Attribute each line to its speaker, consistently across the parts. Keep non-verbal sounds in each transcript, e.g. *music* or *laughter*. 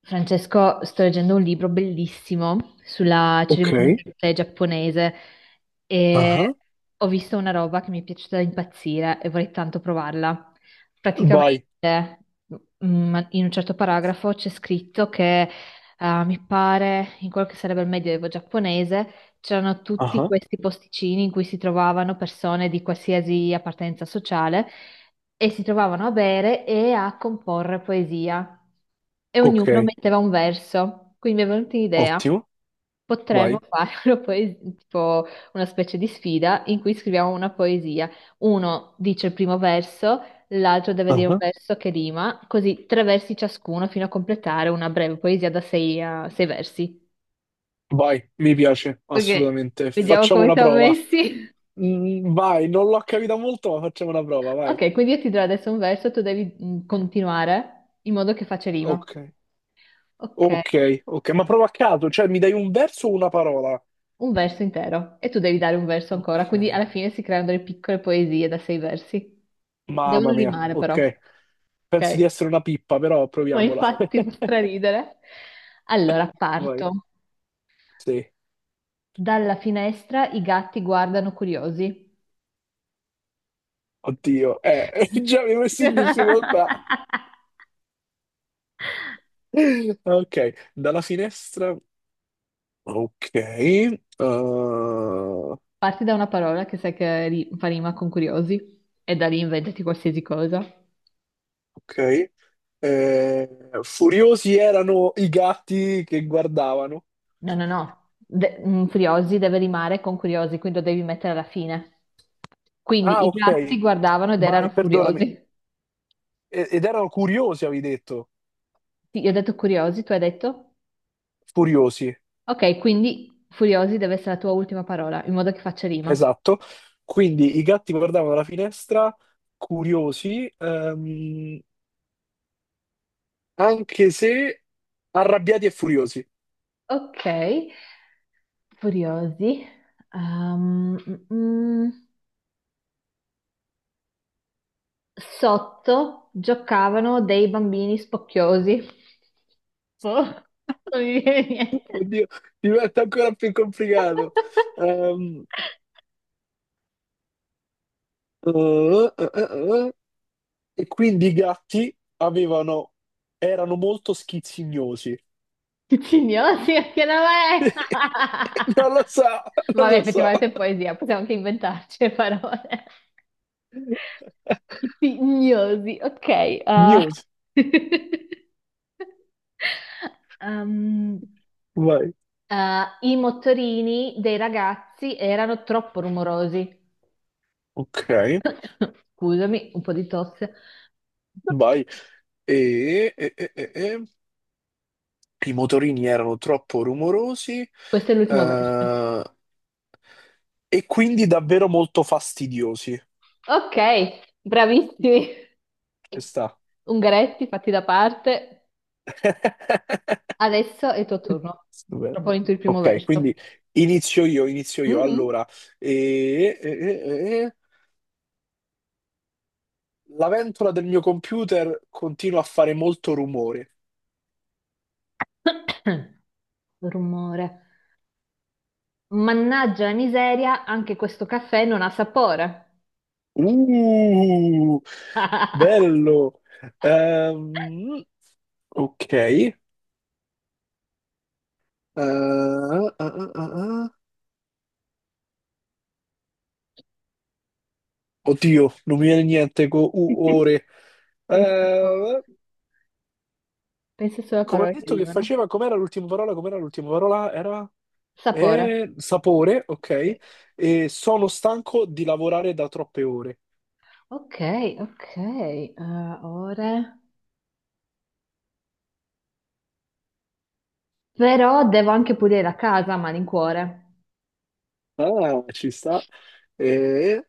Speaker 1: Francesco, sto leggendo un libro bellissimo sulla
Speaker 2: Ok,
Speaker 1: cerimonia del tè giapponese
Speaker 2: ah,
Speaker 1: e ho visto una roba che mi è piaciuta da impazzire e vorrei tanto provarla.
Speaker 2: vai,
Speaker 1: Praticamente, in un certo paragrafo c'è scritto che, mi pare, in quello che sarebbe il medioevo giapponese, c'erano tutti
Speaker 2: ah,
Speaker 1: questi posticini in cui si trovavano persone di qualsiasi appartenenza sociale e si trovavano a bere e a comporre poesia. E
Speaker 2: ok,
Speaker 1: ognuno metteva un verso. Quindi mi è venuta un'idea.
Speaker 2: ottimo,
Speaker 1: Potremmo
Speaker 2: vai,
Speaker 1: fare *laughs* tipo una specie di sfida in cui scriviamo una poesia. Uno dice il primo verso, l'altro deve dire un
Speaker 2: ah,
Speaker 1: verso che rima, così tre versi ciascuno fino a completare una breve poesia da sei, a sei versi.
Speaker 2: vai, mi piace,
Speaker 1: Ok,
Speaker 2: assolutamente.
Speaker 1: vediamo
Speaker 2: Facciamo
Speaker 1: come
Speaker 2: una
Speaker 1: siamo
Speaker 2: prova.
Speaker 1: messi.
Speaker 2: Vai, non l'ho capita molto, ma facciamo una prova, vai.
Speaker 1: Ok, quindi io ti do adesso un verso, tu devi continuare in modo che faccia rima.
Speaker 2: Ok,
Speaker 1: Ok,
Speaker 2: ok, ok, ma prova a caso, cioè mi dai un verso o una parola?
Speaker 1: un verso intero e tu devi dare un verso ancora,
Speaker 2: Ok,
Speaker 1: quindi alla fine si creano delle piccole poesie da sei versi. Devono
Speaker 2: mamma mia,
Speaker 1: rimare però,
Speaker 2: ok. Penso di
Speaker 1: ok?
Speaker 2: essere una pippa, però
Speaker 1: Ma
Speaker 2: proviamola.
Speaker 1: infatti fa
Speaker 2: *laughs*
Speaker 1: straridere. Allora,
Speaker 2: Vai,
Speaker 1: parto.
Speaker 2: sì,
Speaker 1: Dalla finestra i gatti guardano curiosi.
Speaker 2: oddio, *laughs* già mi hai messo in difficoltà.
Speaker 1: *laughs*
Speaker 2: Ok, dalla finestra. Ok, ok.
Speaker 1: Parti da una parola che sai che fa rima con curiosi e da lì inventati qualsiasi cosa.
Speaker 2: Eh, Furiosi erano i gatti che guardavano.
Speaker 1: No, no, no. Furiosi deve rimare con curiosi, quindi lo devi mettere alla fine. Quindi
Speaker 2: Ah,
Speaker 1: i
Speaker 2: ok.
Speaker 1: gatti guardavano ed
Speaker 2: Vai,
Speaker 1: erano
Speaker 2: perdonami.
Speaker 1: furiosi.
Speaker 2: Ed erano curiosi, avevi detto.
Speaker 1: Sì, io ho detto curiosi, tu hai detto?
Speaker 2: Furiosi,
Speaker 1: Ok, quindi furiosi deve essere la tua ultima parola, in modo che faccia rima.
Speaker 2: esatto. Quindi i gatti guardavano dalla finestra, curiosi, anche se arrabbiati e furiosi.
Speaker 1: Ok, furiosi. Ehm, mm, mm. Sotto giocavano dei bambini spocchiosi. Boh, non mi viene niente.
Speaker 2: Oddio, diventa ancora più complicato.
Speaker 1: *laughs*
Speaker 2: Ehm, eh, eh, eh, eh. E quindi i gatti avevano, erano molto schizzignosi.
Speaker 1: Ticignosi, che nome è?
Speaker 2: *laughs* Non lo so,
Speaker 1: *laughs*
Speaker 2: non
Speaker 1: Vabbè,
Speaker 2: lo so.
Speaker 1: effettivamente è poesia, possiamo anche inventarci le parole. Ticignosi, ok. Ah.
Speaker 2: Gnosi.
Speaker 1: *laughs* Um,
Speaker 2: Vai.
Speaker 1: ah, i motorini dei ragazzi erano troppo rumorosi.
Speaker 2: Ok,
Speaker 1: *coughs* Scusami, un po' di tosse.
Speaker 2: vai. E, e- e- e- e. I motorini erano troppo rumorosi,
Speaker 1: Questo è l'ultimo verso.
Speaker 2: eh, e quindi davvero molto fastidiosi.
Speaker 1: Ok, bravissimi.
Speaker 2: Ci sta.
Speaker 1: Ungaretti, fatti da parte.
Speaker 2: *laughs*
Speaker 1: Adesso è il tuo turno.
Speaker 2: Stupendo.
Speaker 1: Proponiti il primo
Speaker 2: Ok, quindi
Speaker 1: verso.
Speaker 2: inizio io, inizio io.
Speaker 1: Mhm.
Speaker 2: Allora, e, la ventola del mio computer continua a fare molto rumore.
Speaker 1: *coughs* Rumore. Mannaggia la miseria, anche questo caffè non ha sapore.
Speaker 2: Uh,
Speaker 1: *laughs*
Speaker 2: Bello. Ehm, ok. Ah, ah, ah, ah. Oddio, non mi viene niente con U ore.
Speaker 1: Mi sapore.
Speaker 2: Eh,
Speaker 1: Pensa solo a
Speaker 2: Come ho
Speaker 1: parole che
Speaker 2: detto che
Speaker 1: rimano.
Speaker 2: faceva, com'era l'ultima parola? Com'era l'ultima parola? Era
Speaker 1: Sapore.
Speaker 2: sapore, ok.
Speaker 1: Sì.
Speaker 2: E sono stanco di lavorare da troppe ore.
Speaker 1: Ok, ok. Ore. Però devo anche pulire la casa a malincuore.
Speaker 2: Ah, ci sta. Eh,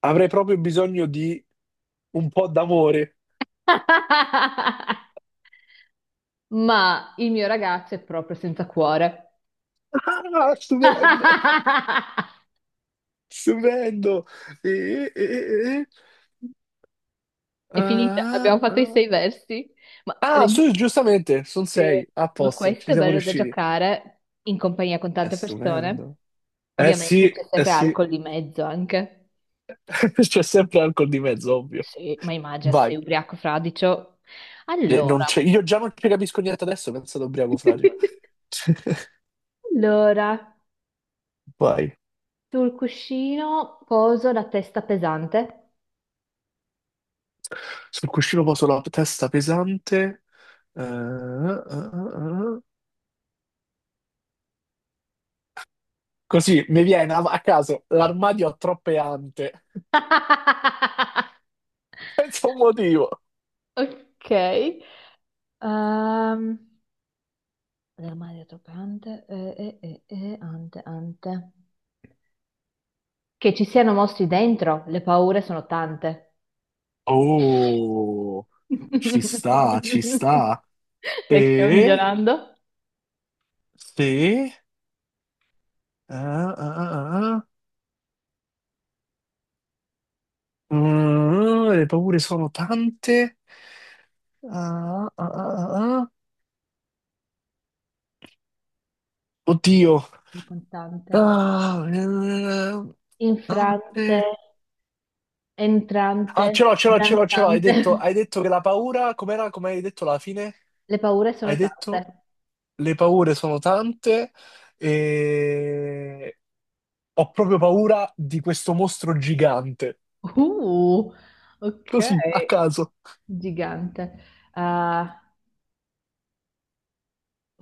Speaker 2: Avrei proprio bisogno di un po' d'amore.
Speaker 1: *laughs* Ma il mio ragazzo è proprio senza cuore.
Speaker 2: Ah, stupendo,
Speaker 1: *laughs*
Speaker 2: stupendo. E, e- e- e-
Speaker 1: È finita,
Speaker 2: ah,
Speaker 1: abbiamo fatto i
Speaker 2: ah.
Speaker 1: sei versi. Ma,
Speaker 2: Ah, Ah,
Speaker 1: rendi-
Speaker 2: su, giustamente, sono
Speaker 1: sì.
Speaker 2: sei, a
Speaker 1: Ma
Speaker 2: posto,
Speaker 1: questo
Speaker 2: ci
Speaker 1: è
Speaker 2: siamo
Speaker 1: bello da
Speaker 2: riusciti.
Speaker 1: giocare in compagnia con
Speaker 2: È
Speaker 1: tante persone.
Speaker 2: stupendo.
Speaker 1: Ovviamente
Speaker 2: Sì,
Speaker 1: c'è
Speaker 2: eh
Speaker 1: sempre
Speaker 2: sì,
Speaker 1: alcol di mezzo anche.
Speaker 2: *laughs* c'è sempre alcol di mezzo, ovvio.
Speaker 1: Sì, ma immagina sei
Speaker 2: Vai.
Speaker 1: ubriaco fradicio.
Speaker 2: Non
Speaker 1: Allora,
Speaker 2: c'è- Io già non ci capisco niente adesso, penso ad ubriaco fragile.
Speaker 1: *laughs*
Speaker 2: *laughs*
Speaker 1: allora,
Speaker 2: Vai.
Speaker 1: sul cuscino poso la testa pesante.
Speaker 2: Sul cuscino poso la testa pesante. Eh, eh, eh, eh. Così mi viene a caso, l'armadio ha troppe ante.
Speaker 1: *laughs*
Speaker 2: Senza un motivo.
Speaker 1: Ok. Ehm, del mare tropicante, ante. Che ci siano mostri dentro, le paure sono tante.
Speaker 2: Oh, ci
Speaker 1: *laughs*
Speaker 2: sta, ci sta.
Speaker 1: Dai, che stiamo
Speaker 2: E
Speaker 1: migliorando.
Speaker 2: se... ah, ah, ah, ah. Le paure sono tante. Ah, ah, ah, ah, ah. Oddio.
Speaker 1: Contante,
Speaker 2: Ah, eh,
Speaker 1: infrante,
Speaker 2: Tante.
Speaker 1: entrante,
Speaker 2: Ah, ce l'ho, ce l'ho, ce l'ho, ce l'ho. Hai
Speaker 1: danzante.
Speaker 2: detto, hai detto che la paura... Com'era? Come hai detto alla fine?
Speaker 1: Le paure sono
Speaker 2: Hai detto
Speaker 1: tante.
Speaker 2: le paure sono tante e... Ho proprio paura di questo mostro gigante.
Speaker 1: Uh, ok,
Speaker 2: Così, a caso.
Speaker 1: gigante. Ah,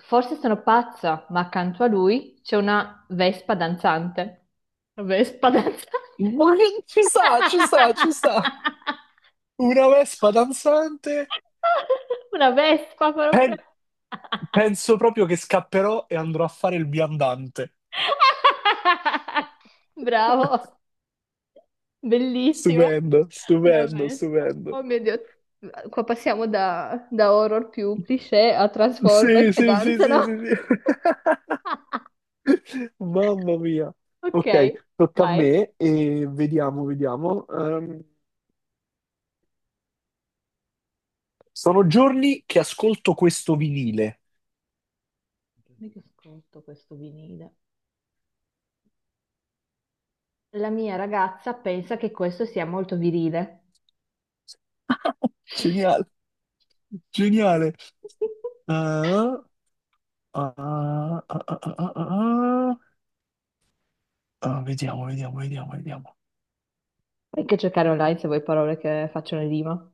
Speaker 1: forse sono pazza, ma accanto a lui c'è una vespa danzante. Vespa danzante?
Speaker 2: Ci sta, ci sta, ci sta.
Speaker 1: *laughs*
Speaker 2: Una vespa danzante.
Speaker 1: Una vespa proprio.
Speaker 2: Pen- Penso proprio che scapperò e andrò a fare il viandante.
Speaker 1: *laughs*
Speaker 2: *laughs*
Speaker 1: Bravo, bellissima.
Speaker 2: Stupendo,
Speaker 1: Una
Speaker 2: stupendo,
Speaker 1: vespa.
Speaker 2: stupendo.
Speaker 1: Oh mio Dio, qua passiamo da, da horror più cliché a Transformers
Speaker 2: Sì,
Speaker 1: che
Speaker 2: sì, sì, sì,
Speaker 1: danzano.
Speaker 2: sì,
Speaker 1: *laughs*
Speaker 2: sì. *laughs* Mamma mia.
Speaker 1: Ok,
Speaker 2: Ok, tocca a
Speaker 1: vai.
Speaker 2: me e vediamo, vediamo. Sono giorni che ascolto questo vinile.
Speaker 1: Dammi che ascolto questo vinile. La mia ragazza pensa che questo sia molto virile. *laughs*
Speaker 2: Geniale, geniale. Ah, ah, ah, ah, ah, ah, ah. ah, ah. Ah, vediamo, vediamo, vediamo, vediamo.
Speaker 1: Puoi anche cercare online se vuoi parole che facciano rima.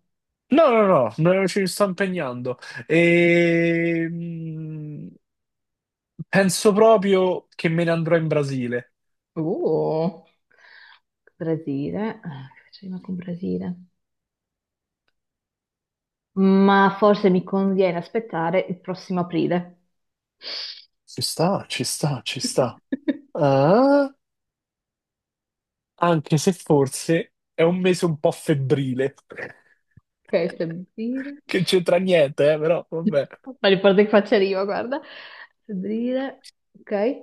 Speaker 2: No, no, no, no, ci sto impegnando. Ehm, Penso proprio che me ne andrò in Brasile.
Speaker 1: Uh, Brasile, ah, che faccio rima con Brasile. Ma forse mi conviene aspettare il prossimo aprile.
Speaker 2: Ci sta, ci sta, ci sta.
Speaker 1: *laughs*
Speaker 2: Ah, anche se forse è un mese un po' febbrile, *laughs*
Speaker 1: Ok, febbraio.
Speaker 2: che c'entra niente, però vabbè.
Speaker 1: Ma riporta che faccia rima, guarda. Febbraio, ok.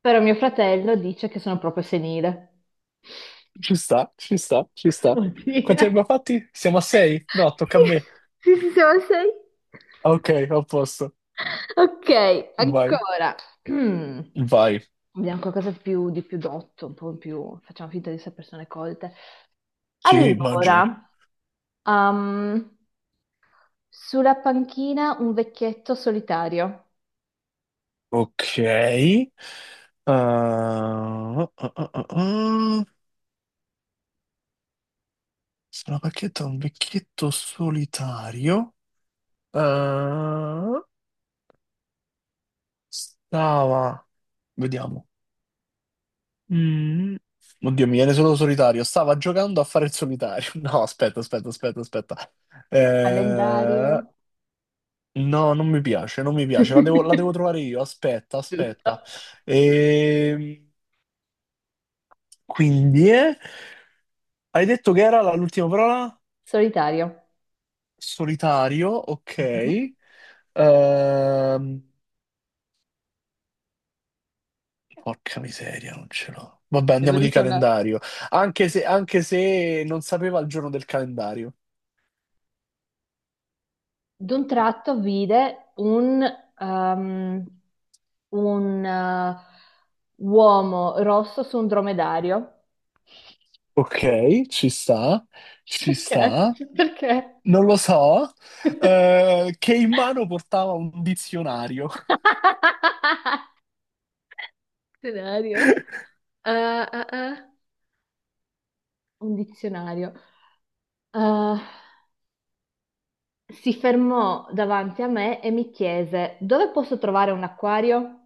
Speaker 1: Però mio fratello dice che sono proprio senile. *laughs*
Speaker 2: Ci sta, ci sta, ci
Speaker 1: Cosa
Speaker 2: sta.
Speaker 1: vuol
Speaker 2: Quanti ne
Speaker 1: dire?
Speaker 2: abbiamo fatti? Siamo a sei? No, tocca a
Speaker 1: Sì,
Speaker 2: me.
Speaker 1: sì, sì, siamo a sei.
Speaker 2: Ah, ok, a posto.
Speaker 1: Ok,
Speaker 2: Vai.
Speaker 1: ancora. *clears throat* Mm.
Speaker 2: Vai.
Speaker 1: Vediamo di più dotto, un po' più... Facciamo finta di essere persone colte.
Speaker 2: Sì, immagino.
Speaker 1: Allora, ehm, sulla panchina un vecchietto solitario.
Speaker 2: Ok. Ah, ah, ah, ah, ah. Sono pacchetta un vecchietto solitario. Ah, stava, vediamo. Mm. Oddio, mi viene solo solitario. Stava giocando a fare il solitario. *laughs* No, aspetta, aspetta, aspetta, aspetta. Eh,
Speaker 1: Calendario.
Speaker 2: no, non mi piace, non mi piace. La devo
Speaker 1: *laughs*
Speaker 2: trovare io. Aspetta, aspetta.
Speaker 1: Giusto.
Speaker 2: Ehm, quindi, hai detto che era l'ultima parola?
Speaker 1: Solitario.
Speaker 2: Solitario, ok.
Speaker 1: Mhm.
Speaker 2: Ehm, Porca miseria, non ce l'ho. Vabbè,
Speaker 1: Mi è
Speaker 2: andiamo di
Speaker 1: venuta una...
Speaker 2: calendario. Anche se non sapeva il giorno del calendario.
Speaker 1: d'un tratto vide un, ehm, un eh, uomo rosso su un dromedario.
Speaker 2: Ok, ci sta, ci
Speaker 1: Perché?
Speaker 2: sta.
Speaker 1: Perché?
Speaker 2: Non lo so.
Speaker 1: *laughs*
Speaker 2: Che in mano portava un dizionario.
Speaker 1: Scenario.
Speaker 2: *laughs*
Speaker 1: Ah, ah, ah. Un dizionario. Eh, si fermò davanti a me e mi chiese: Dove posso trovare un acquario?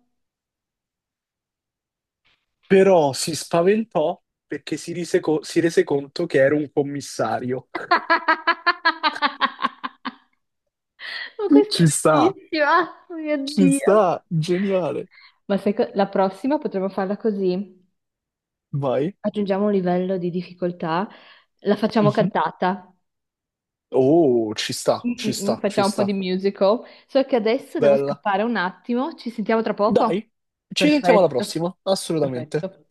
Speaker 2: Però si spaventò perché si rese conto che era un commissario. *laughs*
Speaker 1: *laughs* Ma questa è
Speaker 2: Ci sta,
Speaker 1: bellissima, oh mio
Speaker 2: ci
Speaker 1: Dio.
Speaker 2: sta, geniale.
Speaker 1: Ma la prossima potremmo farla così.
Speaker 2: Vai.
Speaker 1: Aggiungiamo un livello di difficoltà, la facciamo
Speaker 2: Mhm.
Speaker 1: cantata,
Speaker 2: Oh, ci sta,
Speaker 1: mm,
Speaker 2: ci
Speaker 1: mm, mm,
Speaker 2: sta, ci
Speaker 1: facciamo un po' di
Speaker 2: sta.
Speaker 1: musical. So che adesso devo
Speaker 2: Bella.
Speaker 1: scappare un attimo, ci sentiamo tra
Speaker 2: Dai,
Speaker 1: poco?
Speaker 2: ci sentiamo alla
Speaker 1: Perfetto,
Speaker 2: prossima, assolutamente.
Speaker 1: perfetto.